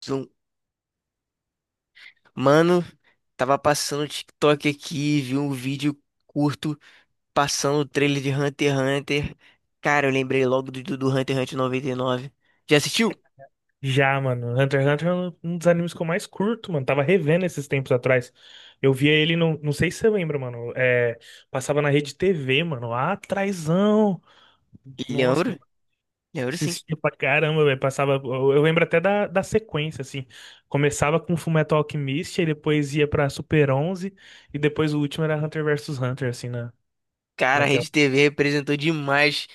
Zum- Mano, tava passando o TikTok aqui, vi um vídeo curto passando o trailer de Hunter x Hunter. Cara, eu lembrei logo do Hunter x Hunter 99. Já assistiu? Já, mano. Hunter x Hunter é um dos animes que eu mais curto, mano. Tava revendo esses tempos atrás. Eu via ele, não sei se você lembra, mano. É, passava na rede TV, mano. Lá atrásão. Nossa, Lembro, lembro sim. assistia pra caramba, velho. Passava. Eu lembro até da sequência, assim. Começava com Fullmetal Alchemist, aí depois ia pra Super 11, e depois o último era Hunter versus Hunter, assim, na, Cara, a naquela. Rede TV representou demais.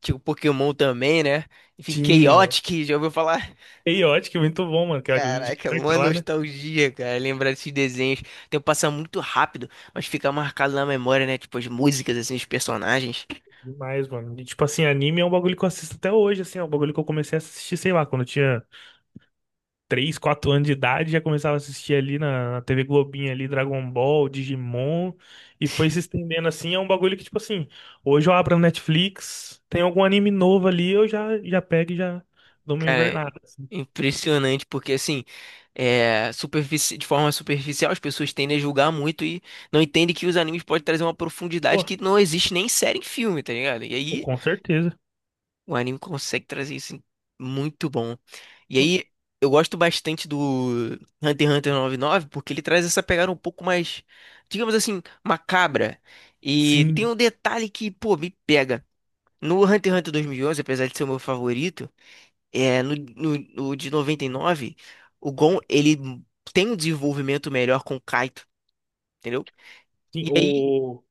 Tipo, Pokémon também, né? Enfim, Tinha. Chaotic, já ouviu falar? Chaotic, muito bom, mano. Que era o de Caraca, carta uma lá, né? nostalgia, cara, lembrar desses desenhos. O tempo passa muito rápido, mas fica marcado na memória, né? Tipo, as músicas, assim, os personagens. Demais, mano. E, tipo assim, anime é um bagulho que eu assisto até hoje, assim, é um bagulho que eu comecei a assistir, sei lá, quando eu tinha 3 ou 4 anos de idade, já começava a assistir ali na TV Globinha ali, Dragon Ball, Digimon, e foi se estendendo assim, é um bagulho que, tipo assim, hoje eu abro a Netflix, tem algum anime novo ali, eu já pego e já dou uma Cara, é invernada, assim. impressionante porque assim, é, de forma superficial as pessoas tendem a julgar muito e não entendem que os animes podem trazer uma Pô, profundidade que não existe nem em série em filme, tá ligado? E aí com certeza. o anime consegue trazer muito bom. E aí eu gosto bastante do Hunter x Hunter 99 porque ele traz essa pegada um pouco mais, digamos assim, macabra. E tem Sim, um detalhe que, pô, me pega. No Hunter x Hunter 2011, apesar de ser o meu favorito é, no de 99 o Gon, ele tem um desenvolvimento melhor com o Kaito, entendeu? sim, E aí, o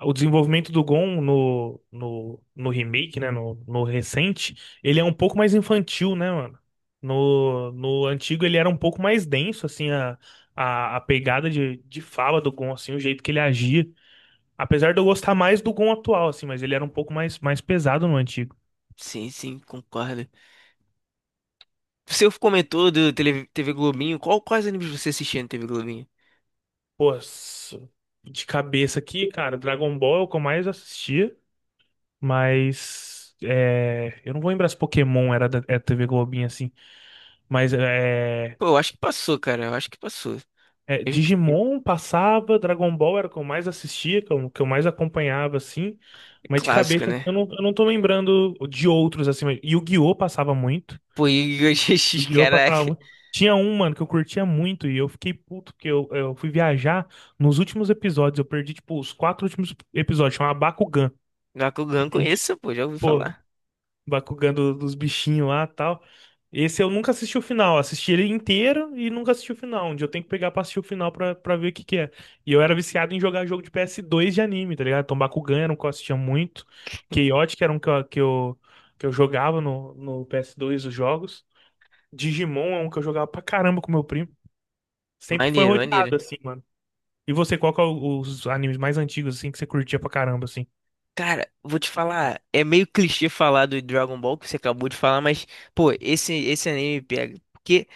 O desenvolvimento do Gon no remake, né? No recente, ele é um pouco mais infantil, né, mano? No antigo ele era um pouco mais denso, assim, a pegada de fala do Gon, assim, o jeito que ele agia. Apesar de eu gostar mais do Gon atual, assim, mas ele era um pouco mais pesado no antigo. sim, sim, concordo. Você comentou do TV Globinho, qual, quais animes você assistia na TV Globinho? Pô, de cabeça aqui, cara, Dragon Ball é o que eu mais assistia, mas, é, eu não vou lembrar se Pokémon era da TV Globinho assim, mas é. Pô, eu acho que passou, cara, eu acho que passou. É, Mesmo que Digimon passava, Dragon Ball era o que eu mais assistia, que eu mais acompanhava, assim. é Mas de clássica, cabeça, assim, né? eu não tô lembrando de outros, assim. Mas Yu-Gi-Oh! Passava muito. Pô, Yu-Gi-Oh! GX, Yu-Gi-Oh! Passava caraca. muito. Tinha um, mano, que eu curtia muito e eu fiquei puto, porque eu fui viajar nos últimos episódios. Eu perdi, tipo, os 4 últimos episódios. Chama Bakugan, que Bakugan é um conheço, pô, já ouvi tipo- falar. Bakugan dos bichinhos lá e tal. Esse eu nunca assisti o final. Assisti ele inteiro e nunca assisti o final. Onde eu tenho que pegar pra assistir o final pra ver o que que é. E eu era viciado em jogar jogo de ps dois de anime, tá ligado? Então Bakugan era um que eu assistia muito. Chaotic era um que eu jogava no ps dois os jogos. Digimon é um que eu jogava pra caramba com meu primo. Sempre foi Maneiro, maneiro. rodeado assim, mano. E você, qual que é os animes mais antigos assim que você curtia pra caramba assim? Cara, vou te falar, é meio clichê falar do Dragon Ball que você acabou de falar, mas, pô, esse anime pega, porque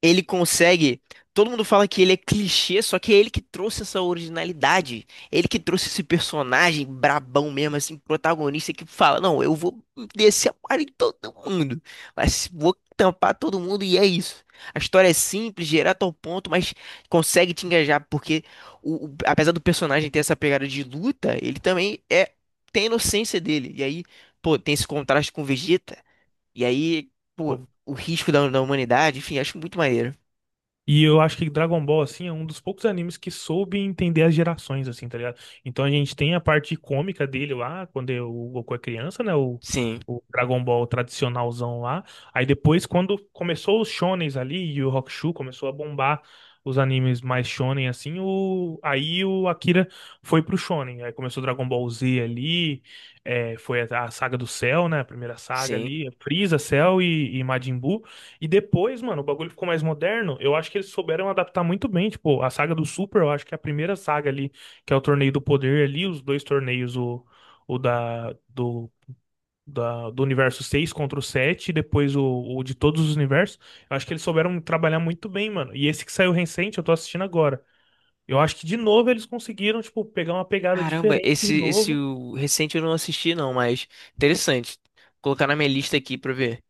ele consegue. Todo mundo fala que ele é clichê, só que é ele que trouxe essa originalidade. Ele que trouxe esse personagem brabão mesmo, assim, protagonista que fala: não, eu vou descer a parada em todo mundo, mas vou tampar todo mundo e é isso. A história é simples, direto ao ponto, mas consegue te engajar, porque apesar do personagem ter essa pegada de luta, ele também é, tem a inocência dele. E aí, pô, tem esse contraste com o Vegeta, e aí, pô, o risco da humanidade, enfim, acho muito maneiro. E eu acho que Dragon Ball, assim, é um dos poucos animes que soube entender as gerações, assim, tá ligado? Então a gente tem a parte cômica dele lá, quando é o Goku é criança, né? O, Sim, o Dragon Ball tradicionalzão lá. Aí depois, quando começou os shonens ali e o Hokushu começou a bombar os animes mais shonen, assim, aí o Akira foi pro shonen. Aí começou Dragon Ball Z ali, é, foi a saga do Cell, né? A primeira saga sim. ali, Frieza, Cell e Majin Buu. E depois, mano, o bagulho ficou mais moderno. Eu acho que eles souberam adaptar muito bem. Tipo, a saga do Super, eu acho que é a primeira saga ali, que é o Torneio do Poder ali, os dois torneios, o da, do universo 6 contra o 7 e depois o de todos os universos. Eu acho que eles souberam trabalhar muito bem, mano. E esse que saiu recente, eu tô assistindo agora. Eu acho que de novo eles conseguiram, tipo, pegar uma pegada Caramba, diferente de esse novo. o recente eu não assisti não, mas interessante. Colocar na minha lista aqui pra ver.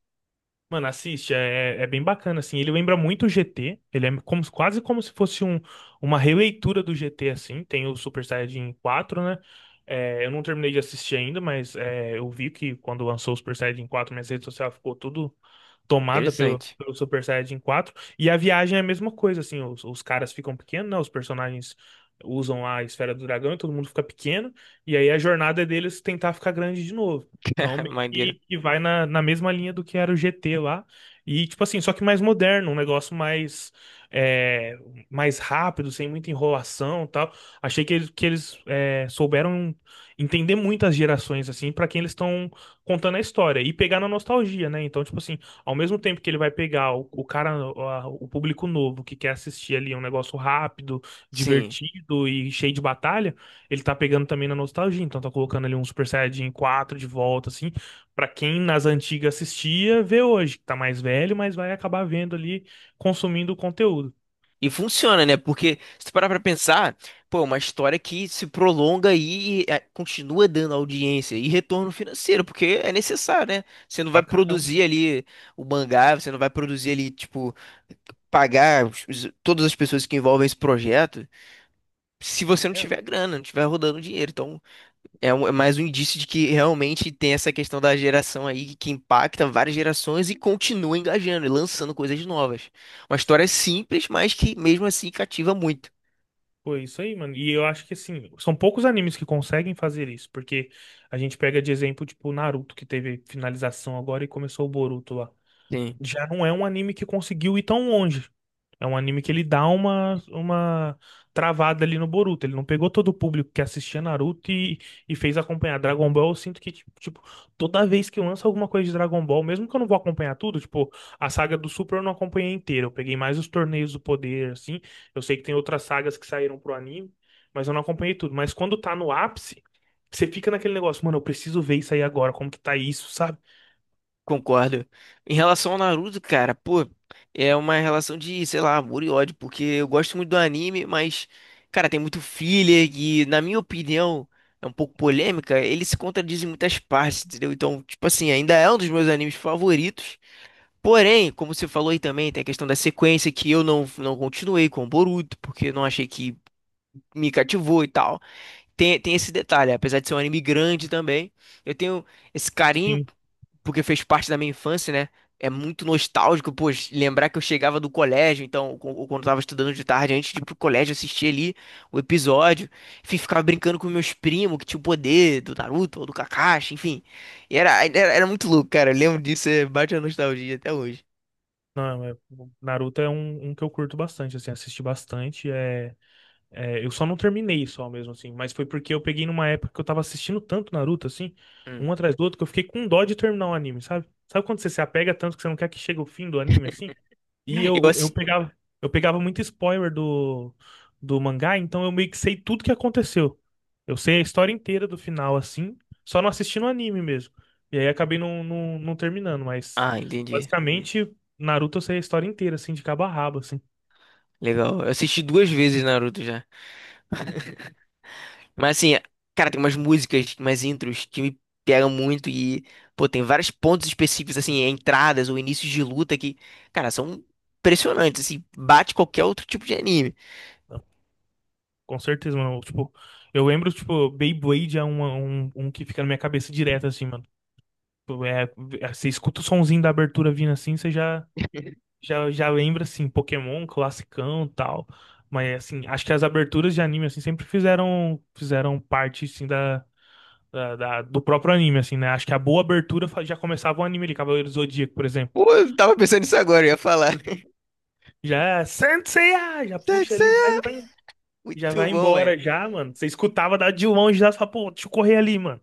Mano, assiste, é, é bem bacana, assim. Ele lembra muito o GT, ele é como, quase como se fosse uma releitura do GT, assim. Tem o Super Saiyajin 4, né? É, eu não terminei de assistir ainda, mas é, eu vi que quando lançou o Super Saiyajin 4, minha rede social ficou tudo tomada pelo, Interessante. pelo Super Saiyajin 4. E a viagem é a mesma coisa, assim. Os caras ficam pequenos, né? Os personagens usam a esfera do dragão e todo mundo fica pequeno. E aí a jornada é deles tentar ficar grande de novo. Então, Maneiro. que vai na mesma linha do que era o GT lá. E, tipo assim, só que mais moderno, um negócio mais, é, mais rápido, sem muita enrolação e tal. Achei que eles souberam entender muitas gerações, assim, pra quem eles estão contando a história. E pegar na nostalgia, né? Então, tipo assim, ao mesmo tempo que ele vai pegar o cara, o público novo, que quer assistir ali um negócio rápido, Sim. divertido e cheio de batalha, ele tá pegando também na nostalgia. Então, tá colocando ali um Super Saiyajin 4 de volta, assim. Pra quem nas antigas assistia, vê hoje, que tá mais velho, mas vai acabar vendo ali, consumindo o conteúdo. E funciona, né? Porque se tu parar pra pensar, pô, é uma história que se prolonga aí e é, continua dando audiência e retorno financeiro, porque é necessário, né? Você não Pra vai caramba. produzir ali o mangá, você não vai produzir ali, tipo, pagar todas as pessoas que envolvem esse projeto se você não É, tiver grana, não tiver rodando dinheiro. Então, é, é mais um indício de que realmente tem essa questão da geração aí que impacta várias gerações e continua engajando e lançando coisas novas. Uma história simples, mas que mesmo assim cativa muito. pô, é isso aí, mano. E eu acho que, assim, são poucos animes que conseguem fazer isso, porque a gente pega de exemplo, tipo, o Naruto, que teve finalização agora e começou o Boruto lá. Sim, Já não é um anime que conseguiu ir tão longe. É um anime que ele dá uma travada ali no Boruto. Ele não pegou todo o público que assistia Naruto e fez acompanhar Dragon Ball. Eu sinto que, tipo, toda vez que eu lanço alguma coisa de Dragon Ball, mesmo que eu não vou acompanhar tudo, tipo, a saga do Super eu não acompanhei inteira. Eu peguei mais os torneios do poder, assim. Eu sei que tem outras sagas que saíram pro anime, mas eu não acompanhei tudo. Mas quando tá no ápice, você fica naquele negócio, mano, eu preciso ver isso aí agora, como que tá isso, sabe? concordo. Em relação ao Naruto, cara, pô, é uma relação de, sei lá, amor e ódio, porque eu gosto muito do anime, mas, cara, tem muito filler e, na minha opinião, é um pouco polêmica, ele se contradiz em muitas partes, entendeu? Então, tipo assim, ainda é um dos meus animes favoritos. Porém, como você falou aí também, tem a questão da sequência que eu não continuei com o Boruto, porque eu não achei que me cativou e tal. Tem esse detalhe, apesar de ser um anime grande também, eu tenho esse carinho, Sim. porque fez parte da minha infância, né? É muito nostálgico, pô, lembrar que eu chegava do colégio, então, ou quando eu tava estudando de tarde, antes de ir pro colégio, assistir ali o episódio. Enfim, ficava brincando com meus primos, que tinham poder do Naruto ou do Kakashi, enfim. E era muito louco, cara. Eu lembro disso, é, bate a nostalgia até hoje. Não, o Naruto é um que eu curto bastante, assim, assisti bastante. É, eu só não terminei só mesmo, assim, mas foi porque eu peguei numa época que eu tava assistindo tanto Naruto, assim, Hum. um atrás do outro, que eu fiquei com dó de terminar o anime, sabe? Sabe quando você se apega tanto que você não quer que chegue o fim do anime, assim? E Eu eu, eu assisti. pegava, eu pegava muito spoiler do mangá, então eu meio que sei tudo que aconteceu. Eu sei a história inteira do final, assim, só não assisti no anime mesmo. E aí acabei não terminando, mas Ah, entendi. basicamente, Naruto eu sei a história inteira, assim, de cabo a rabo, assim. Legal. Eu assisti duas vezes Naruto já. Mas assim, cara, tem umas músicas, umas intros que me pegam muito e, pô, tem vários pontos específicos, assim, entradas ou inícios de luta que, cara, são impressionantes, assim, bate qualquer outro tipo de anime. Com certeza, mano. Tipo, eu lembro, tipo, Beyblade é um que fica na minha cabeça direto, assim, mano. Tipo, você escuta o sonzinho da abertura vindo assim, você já lembra, assim, Pokémon, classicão e tal. Mas, assim, acho que as aberturas de anime, assim, sempre fizeram parte, assim, do próprio anime, assim, né? Acho que a boa abertura já começava o anime ali, Cavaleiro do Zodíaco, por exemplo. Pô, eu tava pensando nisso agora, eu ia falar. Já, é Saint Seiya! Já puxa ali, já vai. Já Muito vai bom, velho. embora, já, mano. Você escutava da de longe, já, você fala, pô, deixa eu correr ali, mano.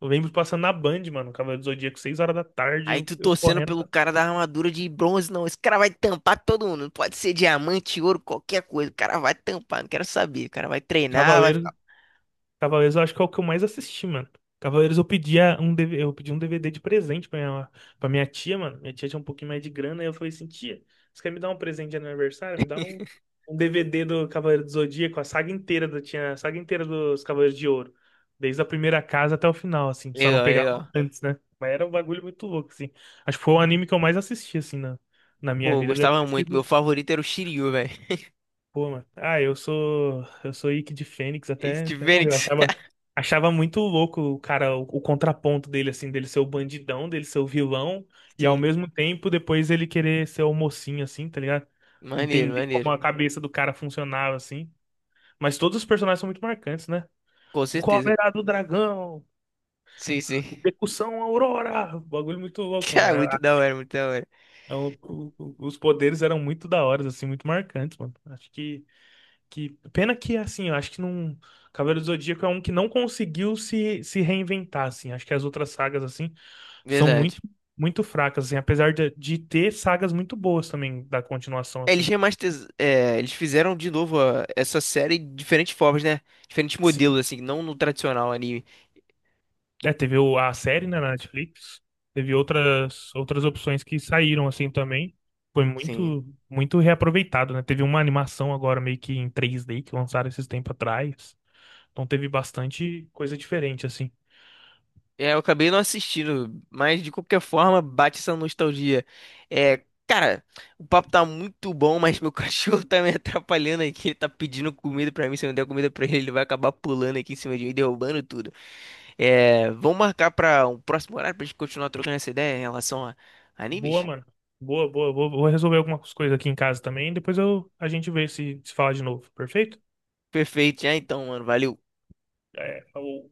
Eu lembro passando na Band, mano, Cavaleiro do Zodíaco, 6 horas da tarde, Aí eu, tu eu torcendo correndo pelo pra cara da armadura de bronze. Não, esse cara vai tampar todo mundo. Pode ser diamante, ouro, qualquer coisa. O cara vai tampar, não quero saber. O cara vai treinar, vai. Cavaleiro. Cavaleiros eu acho que é o que eu mais assisti, mano. Cavaleiros eu pedia um DV eu pedi um DVD de presente pra minha tia, mano. Minha tia tinha um pouquinho mais de grana, e eu falei assim, tia, você quer me dar um presente de aniversário? Me dá um DVD do Cavaleiro do Zodíaco, a saga inteira tinha a saga inteira dos Cavaleiros de Ouro. Desde a primeira casa até o final, assim. Só não Legal, pegava legal. antes, né? Mas era um bagulho muito louco, assim. Acho que foi o anime que eu mais assisti, assim, na minha Pô, eu vida. Deve gostava ter muito. Meu sido. favorito era o Shiryu, velho. Pô, mano. Ah, eu sou. Eu sou Ike de Fênix até, Steve até morreu. Fênix. Achava muito louco o cara, o contraponto dele, assim, dele ser o bandidão, dele ser o vilão, e ao Sim. mesmo tempo depois ele querer ser o mocinho, assim, tá ligado? Maneiro, Entender maneiro. como a cabeça do cara funcionava, assim. Mas todos os personagens são muito marcantes, né? Com certeza. Cólera do dragão, Sim, sim. percussão Aurora. Bagulho muito louco, mano. Cara, muito da hora, muito da hora. Os poderes eram muito da hora, assim, muito marcantes, mano. Acho que. Que pena que assim, eu acho que não. Cavaleiro do Zodíaco é um que não conseguiu se reinventar assim. Acho que as outras sagas assim são Verdade. muito muito fracas assim, apesar de ter sagas muito boas também da continuação É, eles assim. É, eles fizeram de novo essa série de diferentes formas, né? Diferentes Sim. modelos, assim, não no tradicional anime. É, teve a série né, na Netflix, teve outras opções que saíram assim também. Foi Sim. muito muito reaproveitado, né? Teve uma animação agora meio que em 3D que lançaram esses tempos atrás. Então teve bastante coisa diferente assim. É, eu acabei não assistindo, mas de qualquer forma bate essa nostalgia. É, cara, o papo tá muito bom, mas meu cachorro tá me atrapalhando aqui. Ele tá pedindo comida pra mim. Se eu não der comida pra ele, ele vai acabar pulando aqui em cima de mim, derrubando tudo. É, vamos marcar pra um próximo horário pra gente continuar trocando essa ideia em relação a Boa, animes? mano. Boa, boa. Vou resolver algumas coisas aqui em casa também. Depois a gente vê se fala de novo. Perfeito? Perfeito, já então, mano. Valeu. É, falou.